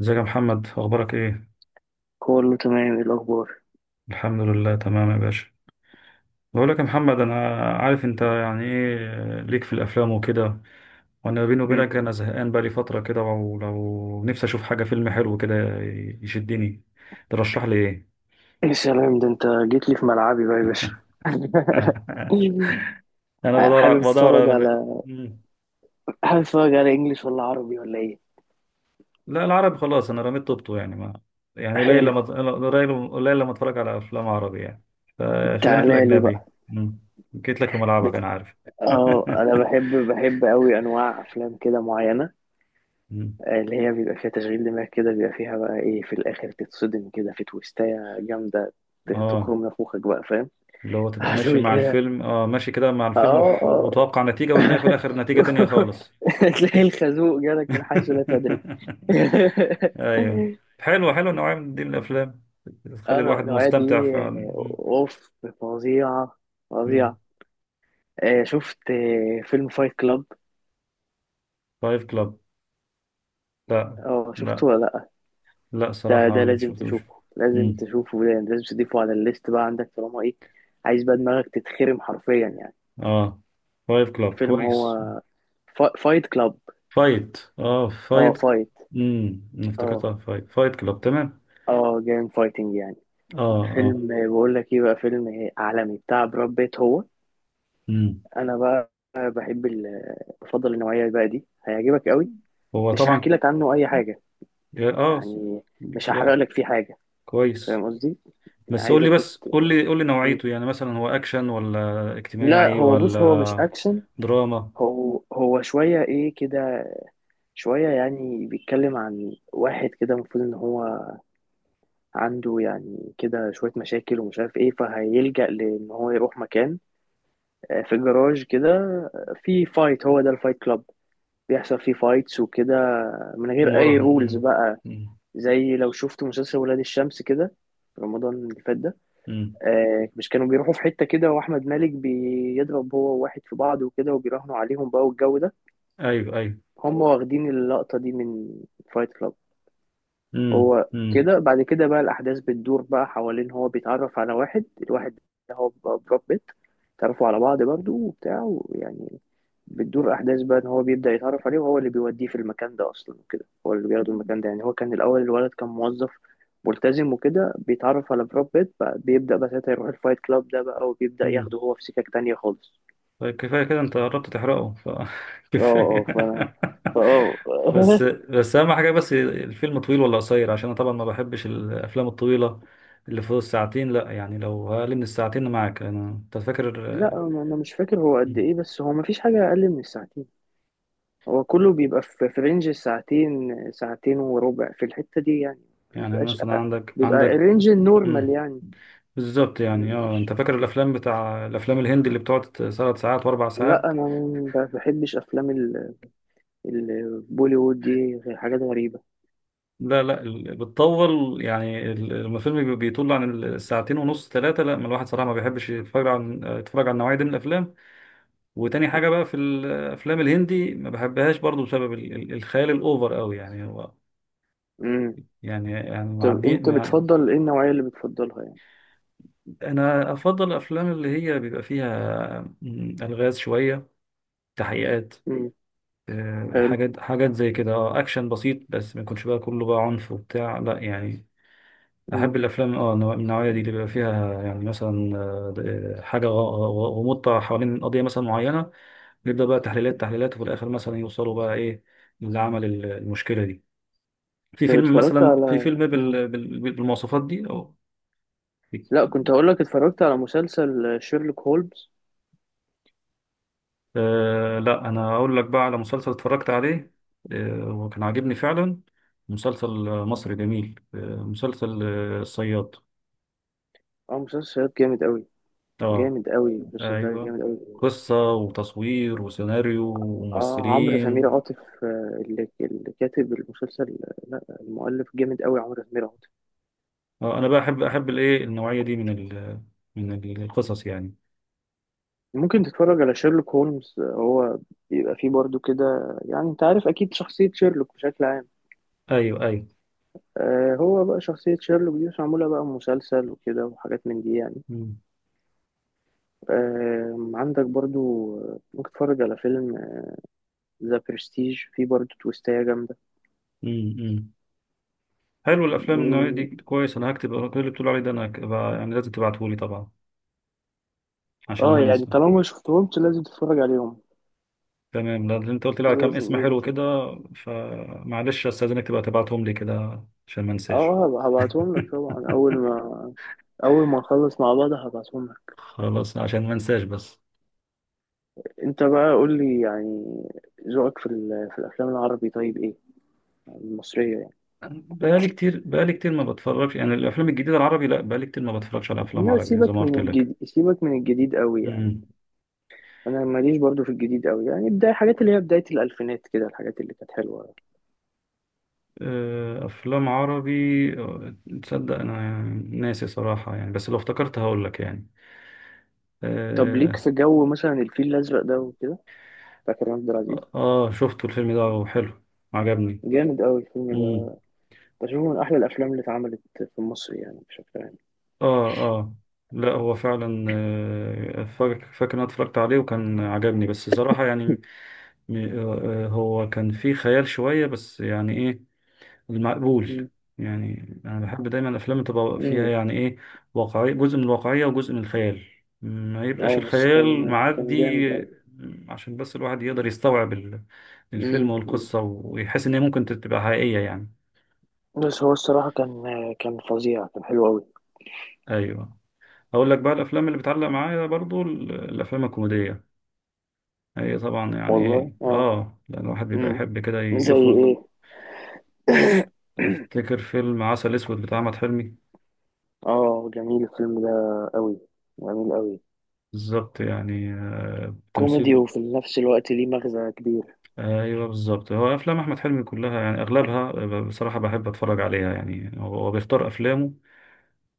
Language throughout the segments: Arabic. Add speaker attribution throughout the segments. Speaker 1: ازيك يا محمد؟ اخبارك ايه؟
Speaker 2: كله تمام، ايه الاخبار؟
Speaker 1: الحمد لله، تمام يا باشا. بقول لك يا محمد، انا عارف انت يعني ايه ليك في الافلام وكده. وانا بيني
Speaker 2: مم.
Speaker 1: وبينك، انا زهقان بقالي فتره كده، ولو نفسي اشوف حاجه، فيلم حلو كده يشدني. ترشح لي ايه؟
Speaker 2: يا سلام، ده انت جيت لي في ملعبي بقى يا باشا.
Speaker 1: انا بدور
Speaker 2: حابب
Speaker 1: بدور
Speaker 2: تتفرج
Speaker 1: على-
Speaker 2: على
Speaker 1: مم.
Speaker 2: حابب تتفرج على انجليش ولا عربي ولا ايه؟
Speaker 1: لا، العربي خلاص، انا رميت طوبته، يعني ما يعني قليل
Speaker 2: حلو.
Speaker 1: لما قليل قليل لما اتفرج على افلام عربي يعني. فخلينا في
Speaker 2: تعالى لي
Speaker 1: الاجنبي.
Speaker 2: بقى.
Speaker 1: مم. جيت لك في ملعبك،
Speaker 2: بت...
Speaker 1: انا عارف.
Speaker 2: اه، انا بحب قوي انواع افلام كده معينه،
Speaker 1: مم.
Speaker 2: اللي هي بيبقى فيها تشغيل دماغ كده، بيبقى فيها بقى ايه في الاخر، تتصدم كده في تويستايه جامده.
Speaker 1: اه،
Speaker 2: تخرم نافوخك بقى، فاهم؟
Speaker 1: اللي هو تبقى ماشي
Speaker 2: هتقول
Speaker 1: مع
Speaker 2: كده.
Speaker 1: الفيلم، اه ماشي كده مع الفيلم،
Speaker 2: اه، اه.
Speaker 1: وتوقع نتيجة، وتلاقي في الآخر نتيجة تانية خالص.
Speaker 2: تلاقي الخازوق جالك من حيث لا تدري.
Speaker 1: ايوه، حلو حلو، النوعية من دي من الأفلام بتخلي
Speaker 2: انا
Speaker 1: الواحد
Speaker 2: النوعيه دي،
Speaker 1: مستمتع فعلا.
Speaker 2: اوف، فظيعه، فظيعه. شفت فيلم فايت كلاب؟
Speaker 1: فايف كلاب؟ لا.
Speaker 2: اه، شفته
Speaker 1: لا.
Speaker 2: ولا لا؟
Speaker 1: لا
Speaker 2: ده
Speaker 1: صراحة
Speaker 2: ده
Speaker 1: ما
Speaker 2: لازم
Speaker 1: شفتوش.
Speaker 2: تشوفه، لازم
Speaker 1: مم.
Speaker 2: تشوفه، ده لازم تضيفه على الليست بقى عندك، طالما ايه. عايز بقى دماغك تتخرم حرفيا يعني.
Speaker 1: اه، فايف كلاب
Speaker 2: فيلم هو،
Speaker 1: كويس.
Speaker 2: فايت كلاب. اه،
Speaker 1: فايت.
Speaker 2: فايت. اه،
Speaker 1: افتكرتها فايت، فايت كلاب تمام.
Speaker 2: اه، جيم فايتنج يعني.
Speaker 1: اه اه.
Speaker 2: فيلم، بقول لك ايه، بقى فيلم عالمي بتاع براد بيت هو.
Speaker 1: امم.
Speaker 2: انا بقى، بحب ال... بفضل النوعيه بقى دي، هيعجبك قوي.
Speaker 1: هو
Speaker 2: مش هحكي
Speaker 1: طبعا.
Speaker 2: لك عنه اي حاجه،
Speaker 1: اه
Speaker 2: يعني، مش هحرق لك فيه حاجه.
Speaker 1: كويس.
Speaker 2: فاهم قصدي؟
Speaker 1: بس قول لي
Speaker 2: عايزك،
Speaker 1: بس
Speaker 2: ت...
Speaker 1: قول لي قول لي
Speaker 2: م.
Speaker 1: نوعيته، يعني مثلا هو اكشن ولا
Speaker 2: لا،
Speaker 1: اجتماعي
Speaker 2: هو بص، هو مش
Speaker 1: ولا
Speaker 2: اكشن.
Speaker 1: دراما
Speaker 2: هو شويه ايه كده، شويه يعني، بيتكلم عن واحد كده المفروض ان هو عنده يعني كده شويه مشاكل، ومش عارف ايه، فهيلجأ لان هو يروح مكان، في جراج كده، في فايت، هو ده الفايت كلاب. بيحصل فيه فايتس وكده، من غير اي
Speaker 1: ومراهن.
Speaker 2: رولز بقى.
Speaker 1: أمم،
Speaker 2: زي لو شفت مسلسل ولاد الشمس كده في رمضان اللي فات ده.
Speaker 1: أمم.
Speaker 2: مش كانوا بيروحوا في حتة كده، وأحمد مالك بيضرب هو وواحد في بعض وكده، وبيراهنوا عليهم بقى والجو ده.
Speaker 1: ايوه ايوه.
Speaker 2: هم واخدين اللقطة دي من فايت كلاب.
Speaker 1: أمم،
Speaker 2: هو
Speaker 1: أمم،
Speaker 2: كده بعد كده بقى الأحداث بتدور بقى حوالين، هو بيتعرف على واحد، الواحد ده هو براد بيت. تعرفوا على بعض برضو وبتاع، ويعني بتدور أحداث بقى إن هو بيبدأ يتعرف عليه، وهو اللي بيوديه في المكان ده أصلا وكده، هو اللي بياخده المكان ده يعني. هو كان الأول الولد كان موظف ملتزم وكده، بيتعرف على براد بيت بقى، بيبدأ بقى ساعتها يروح الفايت كلاب ده بقى، وبيبدأ
Speaker 1: أمم.
Speaker 2: ياخده هو في سكك تانية خالص.
Speaker 1: طيب كفايه كده، انت قربت تحرقه
Speaker 2: اه، اه،
Speaker 1: فكفايه.
Speaker 2: فأنا فأه
Speaker 1: بس بس اهم حاجه، بس الفيلم طويل ولا قصير؟ عشان انا طبعا ما بحبش الافلام الطويله اللي فوق الساعتين. لا يعني، لو اقل من الساعتين أنا معاك. انت فاكر؟
Speaker 2: لا، أنا مش فاكر هو قد إيه، بس هو مفيش حاجة أقل من الساعتين. هو كله بيبقى في رينج ساعتين، ساعتين وربع في الحتة دي يعني، ما
Speaker 1: يعني
Speaker 2: بيبقاش،
Speaker 1: مثلا عندك
Speaker 2: بيبقى
Speaker 1: عندك
Speaker 2: رينج النورمال يعني.
Speaker 1: بالظبط، يعني
Speaker 2: مش...
Speaker 1: انت فاكر الافلام الافلام الهندي اللي بتقعد 3 ساعات واربع
Speaker 2: لا،
Speaker 1: ساعات؟
Speaker 2: انا ما بحبش افلام البوليوود دي، حاجات غريبة.
Speaker 1: لا لا، بتطول يعني، لما الفيلم بيطول عن الساعتين ونص، ثلاثه، لا، ما الواحد صراحه ما بيحبش يتفرج عن يتفرج على النوعيه دي من الافلام. وتاني حاجه بقى في الافلام الهندي، ما بحبهاش برضو، بسبب الخيال الاوفر قوي، يعني هو
Speaker 2: امم.
Speaker 1: يعني
Speaker 2: طب
Speaker 1: معدي
Speaker 2: انت بتفضل ايه النوعية اللي بتفضلها يعني؟
Speaker 1: انا افضل الافلام اللي هي بيبقى فيها الغاز شويه، تحقيقات.
Speaker 2: امم. حلو.
Speaker 1: حاجات حاجات زي كده، اكشن بسيط، بس ما يكونش بقى كله بقى عنف وبتاع، لا يعني.
Speaker 2: امم.
Speaker 1: احب الافلام من النوعيه دي، اللي بيبقى فيها يعني مثلا، حاجه غموضه حوالين قضيه مثلا معينه، يبدا بقى تحليلات تحليلات، وفي الاخر مثلا يوصلوا بقى ايه اللي عمل المشكله دي. في
Speaker 2: طب
Speaker 1: فيلم
Speaker 2: اتفرجت
Speaker 1: مثلا، في
Speaker 2: على...
Speaker 1: فيلم بالمواصفات دي، اه.
Speaker 2: لا، كنت هقول لك، اتفرجت على مسلسل شيرلوك هولمز.
Speaker 1: لا، انا اقول لك بقى على مسلسل اتفرجت عليه، وكان عاجبني فعلا. مسلسل مصري جميل، مسلسل الصياد.
Speaker 2: اه، مسلسل جامد قوي،
Speaker 1: اه
Speaker 2: جامد قوي المسلسل ده،
Speaker 1: ايوه،
Speaker 2: جامد قوي.
Speaker 1: قصة وتصوير وسيناريو
Speaker 2: اه، عمرو سمير
Speaker 1: وممثلين.
Speaker 2: عاطف، اللي كاتب المسلسل. لا، المؤلف جامد قوي، عمرو سمير عاطف.
Speaker 1: اه، انا بقى احب الايه النوعية دي من القصص يعني.
Speaker 2: ممكن تتفرج على شيرلوك هولمز، هو بيبقى فيه برضو كده. يعني انت عارف اكيد شخصية شيرلوك بشكل عام.
Speaker 1: ايوه ايوه.
Speaker 2: هو بقى شخصية شيرلوك دي مش معمولة بقى مسلسل وكده وحاجات من دي يعني.
Speaker 1: مم.
Speaker 2: عندك برضو، ممكن تتفرج على فيلم ذا برستيج، فيه برضو تويستاية جامدة.
Speaker 1: مم. مم. حلو، الافلام النوعية دي
Speaker 2: مم،
Speaker 1: كويس، انا هكتب كل اللي بتقول عليه ده، انا هكبقى يعني لازم تبعته لي طبعا عشان
Speaker 2: اه، يعني
Speaker 1: هنسى.
Speaker 2: طالما ما شفتهمش لازم تتفرج عليهم،
Speaker 1: تمام، لأن انت قلت لي على كام
Speaker 2: لازم،
Speaker 1: اسم
Speaker 2: لازم
Speaker 1: حلو
Speaker 2: تشوف.
Speaker 1: كده، فمعلش استاذنك تبقى تبعتهم لي كده عشان ما انساش.
Speaker 2: اه، هبعتهم لك طبعا، اول ما نخلص مع بعض هبعتهم لك.
Speaker 1: خلاص عشان ما انساش بس.
Speaker 2: انت بقى قول لي يعني، ذوقك في في الافلام العربي طيب ايه، يعني المصريه يعني.
Speaker 1: بقالي كتير، بقالي كتير ما بتفرجش يعني الافلام الجديده العربي، لا بقالي كتير ما بتفرجش على افلام
Speaker 2: لا،
Speaker 1: عربي زي ما
Speaker 2: سيبك
Speaker 1: قلت
Speaker 2: من
Speaker 1: لك.
Speaker 2: الجديد، سيبك من الجديد قوي يعني.
Speaker 1: مم.
Speaker 2: انا ماليش برضو في الجديد قوي يعني، بدايه حاجات اللي هي بدايه الالفينات كده، الحاجات اللي كانت حلوه.
Speaker 1: افلام عربي. آه، تصدق انا ناسي صراحه يعني، بس لو افتكرت هقول لك يعني.
Speaker 2: طب ليك
Speaker 1: اه.
Speaker 2: في جو مثلا الفيل الازرق ده وكده، بتاع كريم عبد العزيز؟
Speaker 1: شفته الفيلم ده، وحلو، عجبني.
Speaker 2: جامد قوي الفيلم
Speaker 1: مم.
Speaker 2: ده، بشوفه من احلى الافلام اللي اتعملت في مصر يعني، بشكل عام.
Speaker 1: اه اه. لا هو فعلا فاكر إن انا اتفرجت عليه وكان عجبني، بس صراحه يعني هو كان فيه خيال شويه، بس يعني ايه، المقبول.
Speaker 2: امم.
Speaker 1: يعني انا بحب دايما الافلام تبقى فيها
Speaker 2: أمم.
Speaker 1: يعني ايه، واقعية، جزء من الواقعية وجزء من الخيال، ما يبقاش
Speaker 2: اه، بس
Speaker 1: الخيال
Speaker 2: كان جامد
Speaker 1: معدي،
Speaker 2: قوي.
Speaker 1: عشان بس الواحد يقدر يستوعب الفيلم
Speaker 2: مم. مم.
Speaker 1: والقصة، ويحس ان هي ممكن تبقى حقيقية يعني.
Speaker 2: بس هو الصراحة كان فظيع، كان حلو أوي.
Speaker 1: ايوه. اقول لك بقى، الافلام اللي بتعلق معايا برضو الافلام الكوميدية. هي طبعا يعني
Speaker 2: والله،
Speaker 1: ايه،
Speaker 2: اه.
Speaker 1: لأن الواحد بيبقى
Speaker 2: مم.
Speaker 1: يحب كده
Speaker 2: زي
Speaker 1: يخرج.
Speaker 2: ايه؟
Speaker 1: افتكر فيلم عسل اسود بتاع احمد حلمي.
Speaker 2: اه، جميل الفيلم ده، أوي، جميل أوي،
Speaker 1: بالظبط، يعني
Speaker 2: كوميدي
Speaker 1: تمثيل.
Speaker 2: وفي نفس الوقت ليه مغزى كبير.
Speaker 1: ايوه بالظبط، هو افلام احمد حلمي كلها يعني اغلبها بصراحه بحب اتفرج عليها يعني، هو بيختار افلامه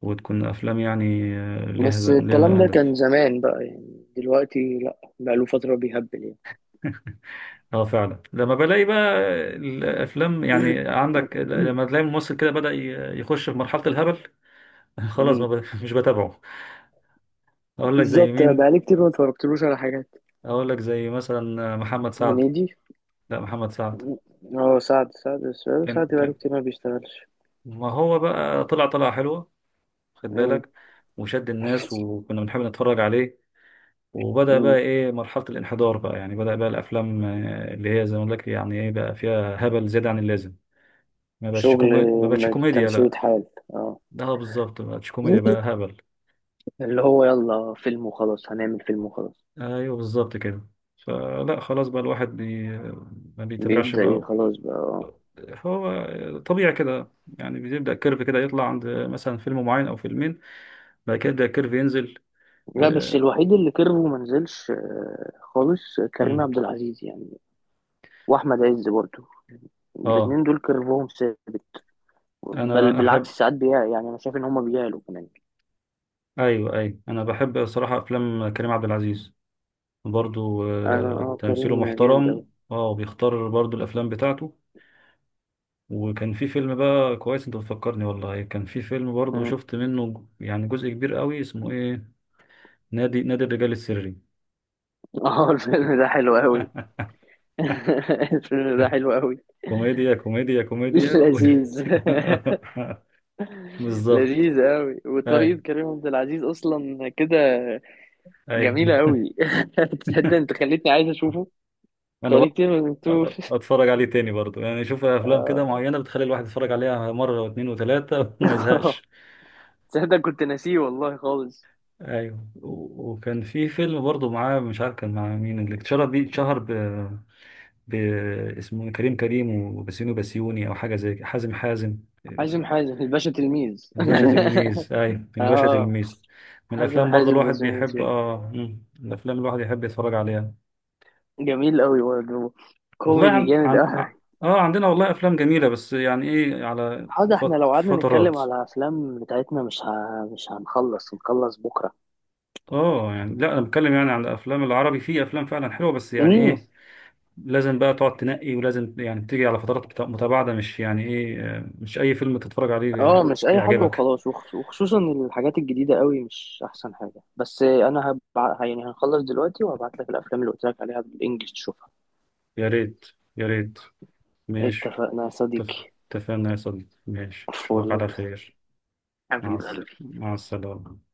Speaker 1: وتكون افلام يعني ليها
Speaker 2: بس الكلام
Speaker 1: ليها
Speaker 2: ده كان
Speaker 1: هدف.
Speaker 2: زمان بقى، يعني دلوقتي لأ، بقاله فترة بيهبل يعني.
Speaker 1: اه فعلا، لما بلاقي بقى الافلام يعني، عندك لما تلاقي ممثل كده بدأ يخش في مرحله الهبل. خلاص، ما
Speaker 2: مم.
Speaker 1: ب... مش بتابعه. اقول لك زي
Speaker 2: بالظبط،
Speaker 1: مين؟
Speaker 2: بقالي كتير ما اتفرجتلوش على حاجات.
Speaker 1: اقول لك زي مثلا محمد سعد.
Speaker 2: هنيدي.
Speaker 1: لا، محمد سعد.
Speaker 2: اه، سعد السؤال،
Speaker 1: كان
Speaker 2: سعد بقاله
Speaker 1: كان
Speaker 2: كتير ما بيشتغلش.
Speaker 1: ما هو بقى طلع طلعه حلوه، خد
Speaker 2: مم.
Speaker 1: بالك، وشد الناس وكنا بنحب نتفرج عليه، وبدأ
Speaker 2: مم.
Speaker 1: بقى إيه، مرحلة الانحدار، بقى يعني بدأ بقى الأفلام اللي هي زي ما أقول لك يعني إيه، بقى فيها هبل زيادة عن اللازم.
Speaker 2: شغل،
Speaker 1: ما بقتش كوميديا
Speaker 2: تمشية
Speaker 1: لا.
Speaker 2: حال، اه.
Speaker 1: ده بالظبط، ما بقتش كوميديا، بقى هبل.
Speaker 2: اللي هو يلا فيلم وخلاص، هنعمل فيلم وخلاص.
Speaker 1: أيوه بالظبط كده. فلا خلاص بقى، ما بيتابعش
Speaker 2: بيبدأ ايه
Speaker 1: بقى.
Speaker 2: خلاص بقى، آه.
Speaker 1: هو طبيعي كده، يعني بيبدأ كيرف كده يطلع عند مثلا فيلم معين أو فيلمين، بعد كده يبدأ الكيرف ينزل.
Speaker 2: لا، بس
Speaker 1: ل...
Speaker 2: الوحيد اللي كرهه ما نزلش خالص كريم
Speaker 1: مم.
Speaker 2: عبد العزيز يعني، واحمد عز برضه.
Speaker 1: آه
Speaker 2: الاتنين دول كرفهم ثابت، بل
Speaker 1: أنا
Speaker 2: بالعكس،
Speaker 1: أحب،
Speaker 2: ساعات بيع يعني، انا شايف ان هما بيعلوا كمان.
Speaker 1: أيوه أيوه، أنا بحب صراحة أفلام كريم عبد العزيز برضو.
Speaker 2: انا، اه،
Speaker 1: تمثيله
Speaker 2: كريم جامد اوي.
Speaker 1: محترم، بيختار برضو الافلام بتاعته. وكان في فيلم بقى كويس، انت بتفكرني والله، كان في فيلم برضو
Speaker 2: مم.
Speaker 1: شفت منه يعني جزء كبير قوي، اسمه ايه، نادي الرجال السري.
Speaker 2: اه، الفيلم ده حلو اوي. الفيلم ده حلو اوي.
Speaker 1: كوميديا كوميديا كوميديا
Speaker 2: لذيذ.
Speaker 1: بالظبط.
Speaker 2: لذيذ اوي،
Speaker 1: اي
Speaker 2: وطريقة كريم عبد العزيز اصلا كده
Speaker 1: اي.
Speaker 2: جميلة أوي. تصدق؟ أنت خليتني عايز أشوفه.
Speaker 1: انا
Speaker 2: بقالي
Speaker 1: بقى
Speaker 2: كتير ما شفتوش.
Speaker 1: اتفرج عليه تاني برضو يعني، شوف افلام كده
Speaker 2: آه.
Speaker 1: معينة بتخلي الواحد يتفرج عليها مرة واثنين وثلاثة وما يزهقش.
Speaker 2: تصدق؟ كنت ناسيه والله خالص.
Speaker 1: ايوه، وكان في فيلم برضه معاه، مش عارف كان مع مين، اللي اتشهر بيه، ب... اسمه إيه؟ كريم وبسيوني او حاجه زي كده. حازم،
Speaker 2: حازم حازم الباشا تلميذ.
Speaker 1: الباشا تلميذ. ايوه، الباشا
Speaker 2: اه.
Speaker 1: تلميذ، من
Speaker 2: حازم
Speaker 1: الافلام برضه
Speaker 2: حازم
Speaker 1: الواحد
Speaker 2: بس، من
Speaker 1: بيحب،
Speaker 2: يوتيوب.
Speaker 1: الافلام الواحد يحب يتفرج عليها.
Speaker 2: جميل أوي برضه،
Speaker 1: والله
Speaker 2: كوميدي جامد أوي.
Speaker 1: اه عندنا والله افلام جميله، بس يعني ايه، على
Speaker 2: حاضر، احنا لو قعدنا
Speaker 1: فترات.
Speaker 2: نتكلم على أفلام بتاعتنا، مش هنخلص بكرة.
Speaker 1: اه يعني، لا انا بتكلم يعني عن الافلام العربي، في افلام فعلا حلوه، بس يعني
Speaker 2: مم.
Speaker 1: ايه، لازم بقى تقعد تنقي، ولازم يعني تيجي على فترات متباعدة، مش يعني ايه، مش اي فيلم تتفرج عليه
Speaker 2: اه، مش اي حاجه
Speaker 1: يعجبك.
Speaker 2: وخلاص، وخصوصا الحاجات الجديده قوي مش احسن حاجه، بس انا يعني هنخلص دلوقتي، وهبعت لك الافلام اللي قلت لك عليها بالانجلش تشوفها.
Speaker 1: يا ريت، يا ريت، ماشي.
Speaker 2: اتفقنا يا
Speaker 1: اتف-
Speaker 2: صديقي.
Speaker 1: اتفقنا يا صديقي، ماشي اشوفك
Speaker 2: فول،
Speaker 1: على خير.
Speaker 2: حبيبي.
Speaker 1: مع السلامة.